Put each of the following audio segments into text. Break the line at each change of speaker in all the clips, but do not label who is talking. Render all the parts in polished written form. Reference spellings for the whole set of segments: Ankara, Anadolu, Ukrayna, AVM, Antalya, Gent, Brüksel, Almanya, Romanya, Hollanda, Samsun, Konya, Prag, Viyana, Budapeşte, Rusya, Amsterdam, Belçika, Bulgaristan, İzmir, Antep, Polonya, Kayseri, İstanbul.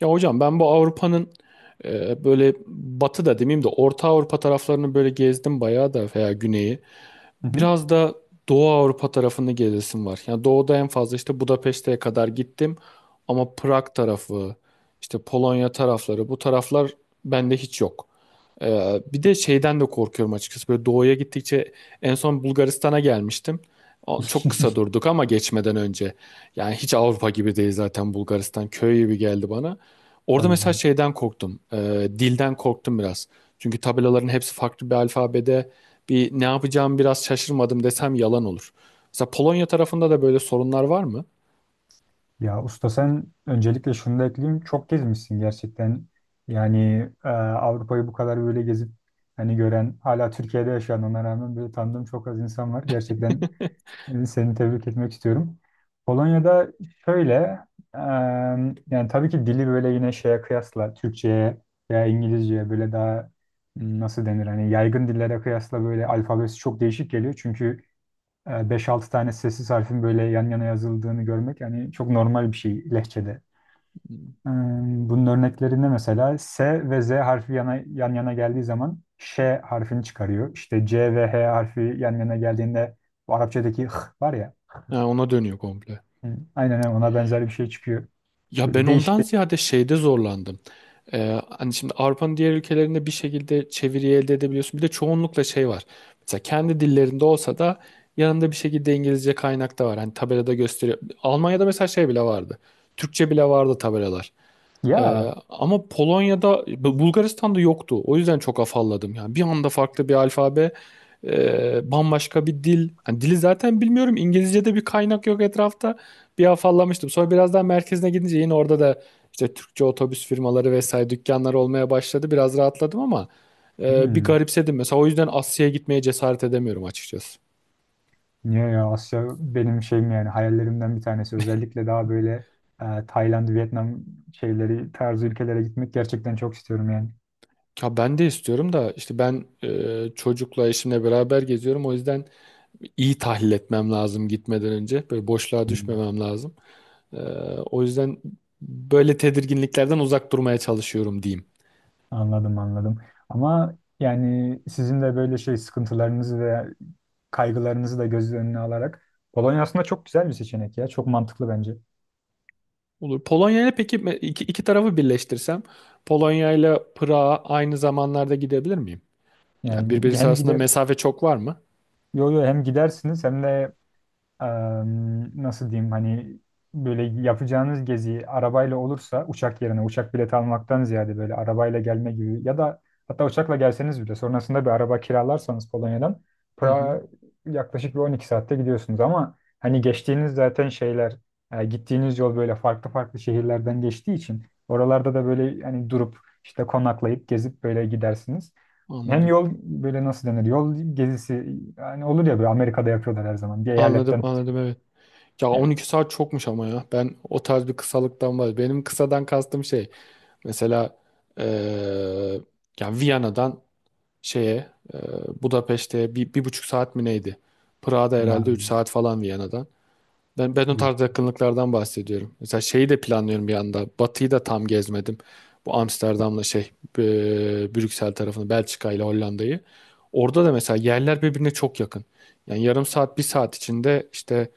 Ya hocam ben bu Avrupa'nın böyle batı da demeyeyim de Orta Avrupa taraflarını böyle gezdim bayağı da veya güneyi.
Hı hı.
Biraz da Doğu Avrupa tarafını gezesim var. Yani doğuda en fazla işte Budapeşte'ye kadar gittim ama Prag tarafı, işte Polonya tarafları bu taraflar bende hiç yok. Bir de şeyden de korkuyorum açıkçası. Böyle doğuya gittikçe en son Bulgaristan'a gelmiştim. Çok kısa durduk ama geçmeden önce. Yani hiç Avrupa gibi değil zaten Bulgaristan. Köy gibi geldi bana. Orada
Tabii
mesela
canım.
şeyden korktum. Dilden korktum biraz. Çünkü tabelaların hepsi farklı bir alfabede. Bir ne yapacağımı biraz şaşırmadım desem yalan olur. Mesela Polonya tarafında da böyle sorunlar var mı?
Ya usta, sen öncelikle şunu da ekleyeyim. Çok gezmişsin gerçekten. Yani Avrupa'yı bu kadar böyle gezip hani gören, hala Türkiye'de yaşayan, ona rağmen böyle tanıdığım çok az insan var. Gerçekten seni tebrik etmek istiyorum. Polonya'da şöyle, e, yani tabii ki dili böyle yine şeye kıyasla Türkçe'ye veya İngilizce'ye böyle daha nasıl denir hani, yaygın dillere kıyasla böyle alfabesi çok değişik geliyor. Çünkü 5-6 tane sessiz harfin böyle yan yana yazıldığını görmek yani çok normal bir şey lehçede. Ee, Bunun örneklerinde mesela S ve Z harfi yan yana geldiği zaman Ş harfini çıkarıyor. İşte C ve H harfi yan yana geldiğinde bu Arapçadaki H var ya.
Ha, ona dönüyor komple.
Hı, Aynen öyle, ona benzer bir şey çıkıyor.
Ya
Böyle
ben
değişik.
ondan ziyade şeyde zorlandım. Hani şimdi Avrupa'nın diğer ülkelerinde bir şekilde çeviriyi elde edebiliyorsun. Bir de çoğunlukla şey var. Mesela kendi dillerinde olsa da yanında bir şekilde İngilizce kaynak da var. Hani tabelada gösteriyor. Almanya'da mesela şey bile vardı. Türkçe bile vardı tabelalar.
Ya.
Ama Polonya'da, Bulgaristan'da yoktu. O yüzden çok afalladım. Yani bir anda farklı bir alfabe, bambaşka bir dil. Hani dili zaten bilmiyorum. İngilizce'de bir kaynak yok etrafta. Bir afallamıştım. Sonra biraz daha merkezine gidince yine orada da işte Türkçe otobüs firmaları vesaire dükkanlar olmaya başladı. Biraz rahatladım ama bir
hmm,
garipsedim. Mesela o yüzden Asya'ya gitmeye cesaret edemiyorum açıkçası.
Niye ya, Asya benim şeyim yani, hayallerimden bir tanesi. Özellikle daha böyle Tayland, Vietnam şeyleri tarzı ülkelere gitmek gerçekten çok istiyorum yani.
Ya ben de istiyorum da işte ben çocukla eşimle beraber geziyorum. O yüzden iyi tahlil etmem lazım gitmeden önce. Böyle boşluğa
Hmm.
düşmemem lazım. Ee, O yüzden böyle tedirginliklerden uzak durmaya çalışıyorum diyeyim.
Anladım anladım. Ama yani sizin de böyle şey sıkıntılarınızı ve kaygılarınızı da göz önüne alarak Polonya aslında çok güzel bir seçenek ya. Çok mantıklı bence.
Olur. Polonya ile peki iki tarafı birleştirsem Polonya ile Prag'a aynı zamanlarda gidebilir miyim? Yani
Yani
birbirisi
hem
arasında
gider,
mesafe çok var mı?
yo yo, hem gidersiniz hem de nasıl diyeyim hani, böyle yapacağınız gezi arabayla olursa uçak yerine uçak bileti almaktan ziyade böyle arabayla gelme gibi ya da hatta uçakla gelseniz bile sonrasında bir araba kiralarsanız Polonya'dan
Hı hı,
Prag'a yaklaşık bir 12 saatte gidiyorsunuz, ama hani geçtiğiniz zaten şeyler, gittiğiniz yol böyle farklı farklı şehirlerden geçtiği için oralarda da böyle hani durup işte konaklayıp gezip böyle gidersiniz. Hem
anladım.
yol böyle, nasıl denir? Yol gezisi yani, olur ya böyle, Amerika'da yapıyorlar her zaman. Bir eyaletten...
Anladım, anladım evet. Ya
Evet.
12 saat çokmuş ama ya. Ben o tarz bir kısalıktan var. Benim kısadan kastım şey. Mesela eee yani Viyana'dan şeye Budapeşte'ye 1,5 saat mi neydi? Prag'da herhalde 3
Man-
saat falan Viyana'dan. Ben o
Yok.
tarz yakınlıklardan bahsediyorum. Mesela şeyi de planlıyorum bir anda. Batı'yı da tam gezmedim. Bu Amsterdam'la şey e, Brüksel tarafını Belçika ile Hollanda'yı. Orada da mesela yerler birbirine çok yakın. Yani yarım saat bir saat içinde işte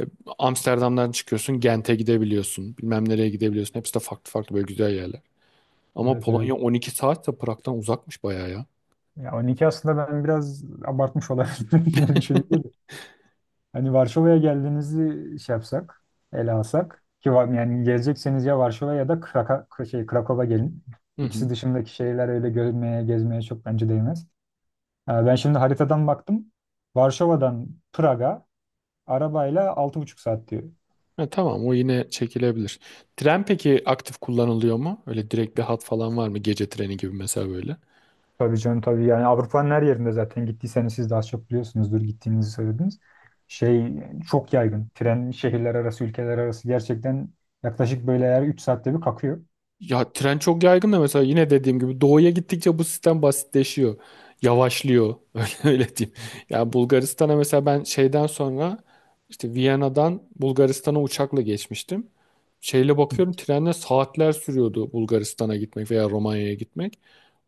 e, Amsterdam'dan çıkıyorsun Gent'e gidebiliyorsun. Bilmem nereye gidebiliyorsun. Hepsi de farklı farklı böyle güzel yerler. Ama
Evet
Polonya
evet.
12 saat de Prag'dan uzakmış bayağı ya.
Ya 12 aslında ben biraz abartmış olabilirim şimdi düşününce de. Hani Varşova'ya geldiğinizi şey yapsak, ele alsak ki var, yani gelecekseniz ya Varşova ya da Krakow'a gelin.
Hı hı.
İkisi dışındaki şehirler öyle görülmeye, gezmeye çok bence değmez. Ha, ben şimdi haritadan baktım. Varşova'dan Prag'a arabayla 6,5 saat diyor.
Ha, tamam o yine çekilebilir. Tren peki aktif kullanılıyor mu? Öyle direkt bir hat falan var mı? Gece treni gibi mesela böyle.
Tabii canım tabii, yani Avrupa'nın her yerinde zaten gittiyseniz siz daha çok biliyorsunuzdur, gittiğinizi söylediniz. Şey çok yaygın. Tren şehirler arası, ülkeler arası gerçekten yaklaşık böyle her 3 saatte bir kalkıyor.
Ya tren çok yaygın da mesela yine dediğim gibi doğuya gittikçe bu sistem basitleşiyor. Yavaşlıyor. Öyle, öyle diyeyim. Ya Bulgaristan'a mesela ben şeyden sonra işte Viyana'dan Bulgaristan'a uçakla geçmiştim. Şeyle bakıyorum trenle saatler sürüyordu Bulgaristan'a gitmek veya Romanya'ya gitmek.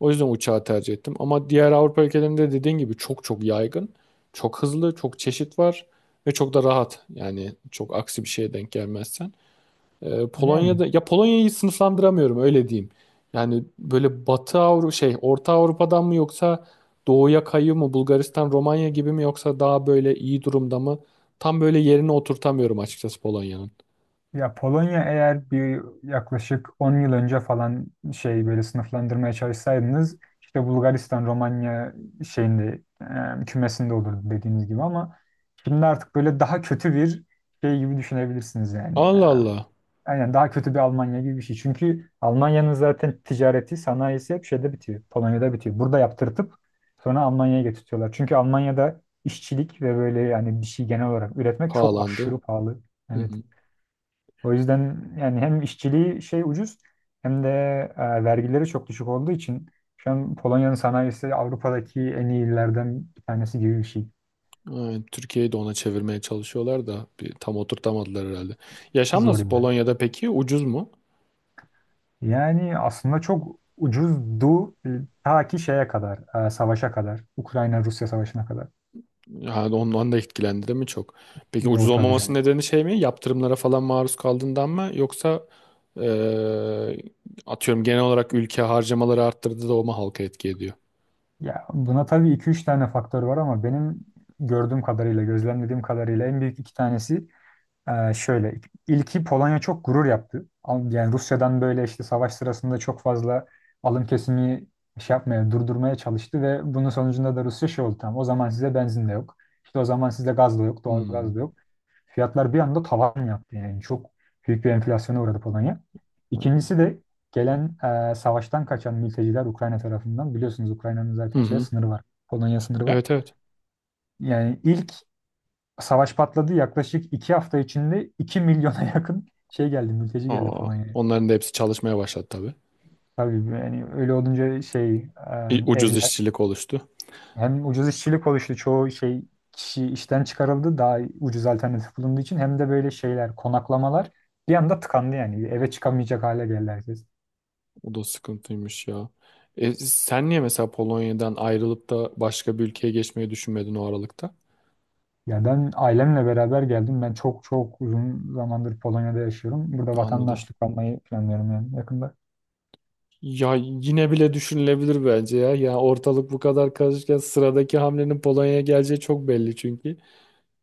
O yüzden uçağı tercih ettim. Ama diğer Avrupa ülkelerinde dediğin gibi çok çok yaygın. Çok hızlı, çok çeşit var ve çok da rahat. Yani çok aksi bir şeye denk gelmezsen.
Yani
Polonya'da ya Polonya'yı sınıflandıramıyorum öyle diyeyim. Yani böyle Batı Avrupa şey Orta Avrupa'dan mı yoksa doğuya kayıyor mu Bulgaristan Romanya gibi mi yoksa daha böyle iyi durumda mı? Tam böyle yerine oturtamıyorum açıkçası Polonya'nın.
ya Polonya, eğer bir yaklaşık 10 yıl önce falan şey böyle sınıflandırmaya çalışsaydınız, işte Bulgaristan, Romanya şeyinde, kümesinde olurdu dediğiniz gibi, ama şimdi artık böyle daha kötü bir şey gibi düşünebilirsiniz yani.
Allah Allah,
Aynen, daha kötü bir Almanya gibi bir şey. Çünkü Almanya'nın zaten ticareti, sanayisi hep şeyde bitiyor. Polonya'da bitiyor. Burada yaptırtıp sonra Almanya'ya getirtiyorlar. Çünkü Almanya'da işçilik ve böyle, yani bir şey genel olarak üretmek çok
pahalandı.
aşırı pahalı.
Hı
Evet.
hı.
O yüzden yani hem işçiliği şey ucuz, hem de vergileri çok düşük olduğu için şu an Polonya'nın sanayisi Avrupa'daki en iyilerden bir tanesi gibi bir şey.
Aynen, Türkiye'yi de ona çevirmeye çalışıyorlar da bir, tam oturtamadılar herhalde. Yaşam
Zor
nasıl
yani.
Polonya'da peki? Ucuz mu?
Yani aslında çok ucuzdu, ta ki şeye kadar, savaşa kadar, Ukrayna-Rusya savaşına kadar.
Yani ondan da etkilendi mi çok? Peki ucuz
O tabii
olmaması
canım.
nedeni şey mi? Yaptırımlara falan maruz kaldığından mı? Yoksa Ee, atıyorum genel olarak ülke harcamaları arttırdı da o mu halka etki ediyor?
Ya buna tabii iki üç tane faktör var, ama benim gördüğüm kadarıyla, gözlemlediğim kadarıyla en büyük iki tanesi şöyle. İlki, Polonya çok gurur yaptı. Yani Rusya'dan böyle işte savaş sırasında çok fazla alım kesimi şey yapmaya, durdurmaya çalıştı ve bunun sonucunda da Rusya şey oldu, tamam. O zaman size benzin de yok. İşte o zaman size gaz da yok, doğal gaz
Hmm.
da yok. Fiyatlar bir anda tavan yaptı yani. Çok büyük bir enflasyona uğradı Polonya. İkincisi de gelen, savaştan kaçan mülteciler Ukrayna tarafından. Biliyorsunuz, Ukrayna'nın
Hı
zaten şey
hı.
sınırı var. Polonya sınırı var.
Evet, evet.
Yani ilk savaş patladı, yaklaşık 2 hafta içinde 2 milyona yakın şey geldi, mülteci geldi
Aa,
Polonya'ya.
onların da hepsi çalışmaya başladı tabii.
Tabii, yani öyle olunca şey,
Bir ucuz
evler...
işçilik oluştu.
Hem ucuz işçilik oluştu. Çoğu şey kişi işten çıkarıldı. Daha ucuz alternatif bulunduğu için. Hem de böyle şeyler, konaklamalar bir anda tıkandı yani. Eve çıkamayacak hale geldi herkes.
O da sıkıntıymış ya. Sen niye mesela Polonya'dan ayrılıp da başka bir ülkeye geçmeyi düşünmedin o aralıkta?
Ya ben ailemle beraber geldim. Ben çok çok uzun zamandır Polonya'da yaşıyorum. Burada
Anladım.
vatandaşlık almayı planlıyorum yani, yakında.
Ya yine bile düşünülebilir bence ya. Ya ortalık bu kadar karışırken sıradaki hamlenin Polonya'ya geleceği çok belli çünkü.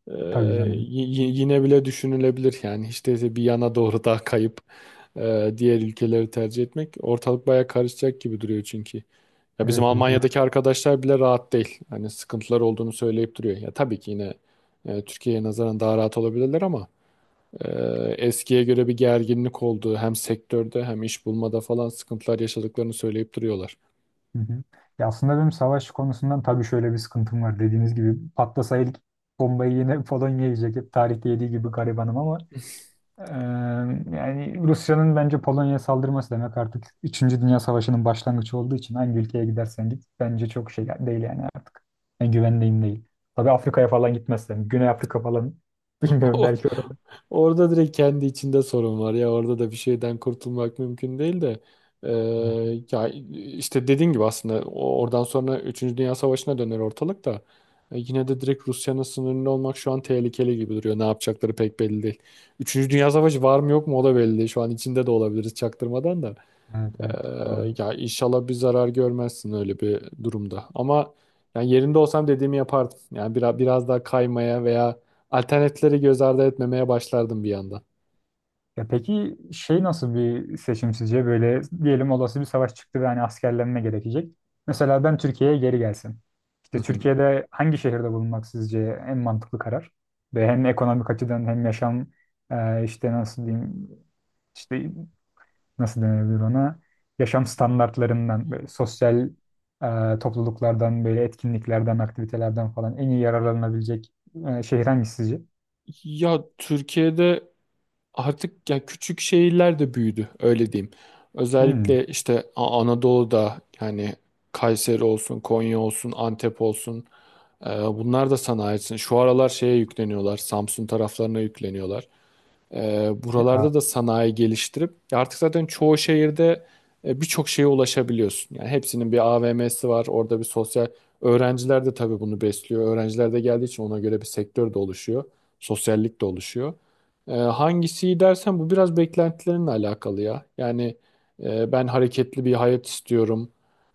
Ee,
Tabii canım.
y- yine bile düşünülebilir yani hiç değilse bir yana doğru daha kayıp diğer ülkeleri tercih etmek, ortalık baya karışacak gibi duruyor çünkü. Ya bizim
Evet evet.
Almanya'daki
Orası.
arkadaşlar bile rahat değil. Hani sıkıntılar olduğunu söyleyip duruyor. Ya tabii ki yine Türkiye'ye nazaran daha rahat olabilirler ama e, eskiye göre bir gerginlik olduğu, hem sektörde hem iş bulmada falan sıkıntılar yaşadıklarını söyleyip duruyorlar.
Hı hı. Ya aslında benim savaş konusundan tabii şöyle bir sıkıntım var. Dediğiniz gibi patlasa ilk bombayı yine Polonya yiyecek. Hep tarihte yediği gibi garibanım, ama eee, yani Rusya'nın bence Polonya'ya saldırması demek artık üçüncü Dünya Savaşı'nın başlangıcı olduğu için hangi ülkeye gidersen git bence çok şey değil yani artık. Yani güvendiğim değil. Tabii Afrika'ya falan gitmezsem. Güney Afrika falan bilmiyorum,
O-
belki orada.
Orada direkt kendi içinde sorun var, ya orada da bir şeyden kurtulmak mümkün değil de
Evet,
ya işte dediğin gibi aslında oradan sonra üçüncü Dünya Savaşı'na döner ortalık da yine de direkt Rusya'nın sınırında olmak şu an tehlikeli gibi duruyor. Ne yapacakları pek belli değil. Üçüncü Dünya Savaşı var mı yok mu o da belli değil. Şu an içinde de olabiliriz çaktırmadan da.
evet, evet, doğru.
Ya inşallah bir zarar görmezsin öyle bir durumda. Ama yani yerinde olsam dediğimi yapardım. Yani biraz biraz daha kaymaya veya alternatifleri göz ardı etmemeye başlardım bir yandan.
Ya peki şey, nasıl bir seçim sizce? Böyle diyelim, olası bir savaş çıktı ve hani askerlenme gerekecek. Mesela ben Türkiye'ye geri gelsin.
Hı
İşte
hı.
Türkiye'de hangi şehirde bulunmak sizce en mantıklı karar? Ve hem ekonomik açıdan hem yaşam, işte nasıl diyeyim, işte nasıl denebilir ona? Yaşam standartlarından, böyle sosyal, topluluklardan, böyle etkinliklerden, aktivitelerden falan en iyi yararlanabilecek şehir hangisi sizce?
Ya Türkiye'de artık ya küçük şehirler de büyüdü öyle diyeyim.
Hmm.
Özellikle işte Anadolu'da yani, Kayseri olsun, Konya olsun, Antep olsun. Bunlar da sanayisin. Şu aralar şeye yükleniyorlar. Samsun taraflarına yükleniyorlar.
Ya.
Buralarda da sanayi geliştirip artık zaten çoğu şehirde birçok şeye ulaşabiliyorsun. Yani hepsinin bir AVM'si var, orada bir sosyal öğrenciler de tabii bunu besliyor. Öğrenciler de geldiği için ona göre bir sektör de oluşuyor, sosyallik de oluşuyor. Hangisi iyi dersen bu biraz beklentilerinle alakalı ya. Yani ben hareketli bir hayat istiyorum.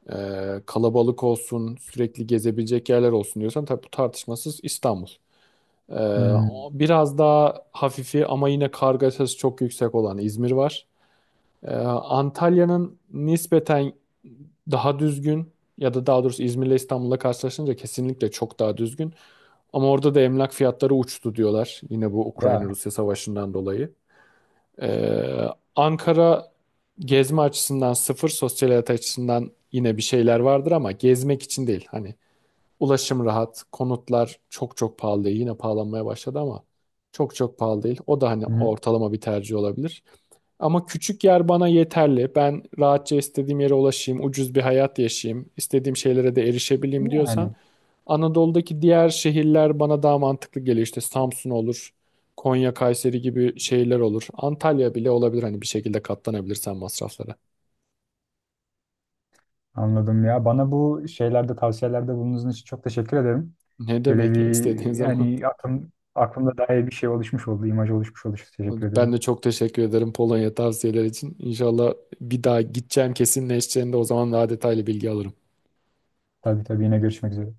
E, Kalabalık olsun, sürekli gezebilecek yerler olsun diyorsan tabii bu tartışmasız İstanbul. Ee,
Hmm.
Biraz daha hafifi ama yine kargaşası çok yüksek olan İzmir var. Antalya'nın nispeten daha düzgün, ya da daha doğrusu İzmir'le İstanbul'la karşılaşınca kesinlikle çok daha düzgün. Ama orada da emlak fiyatları uçtu diyorlar. Yine bu
Ya.
Ukrayna-Rusya savaşından dolayı. Ee, Ankara gezme açısından sıfır, sosyal hayat açısından yine bir şeyler vardır ama gezmek için değil. Hani ulaşım rahat, konutlar çok çok pahalı değil. Yine pahalanmaya başladı ama çok çok pahalı değil. O da hani
Hı.
ortalama bir tercih olabilir. Ama küçük yer bana yeterli. Ben rahatça istediğim yere ulaşayım, ucuz bir hayat yaşayayım, istediğim şeylere de erişebileyim diyorsan
Yani
Anadolu'daki diğer şehirler bana daha mantıklı geliyor. İşte Samsun olur, Konya, Kayseri gibi şehirler olur. Antalya bile olabilir hani bir şekilde katlanabilirsen masraflara.
anladım ya. Bana bu şeylerde tavsiyelerde bulunduğunuz için çok teşekkür ederim.
Ne
Böyle
demek, ya
bir,
istediğin zaman.
yani aklımda dair bir şey oluşmuş oldu, imaj oluşmuş oldu. Teşekkür
Ben
ederim.
de çok teşekkür ederim Polonya tavsiyeler için. İnşallah bir daha gideceğim kesinleşeceğinde o zaman daha detaylı bilgi alırım.
Tabii tabii, yine görüşmek üzere.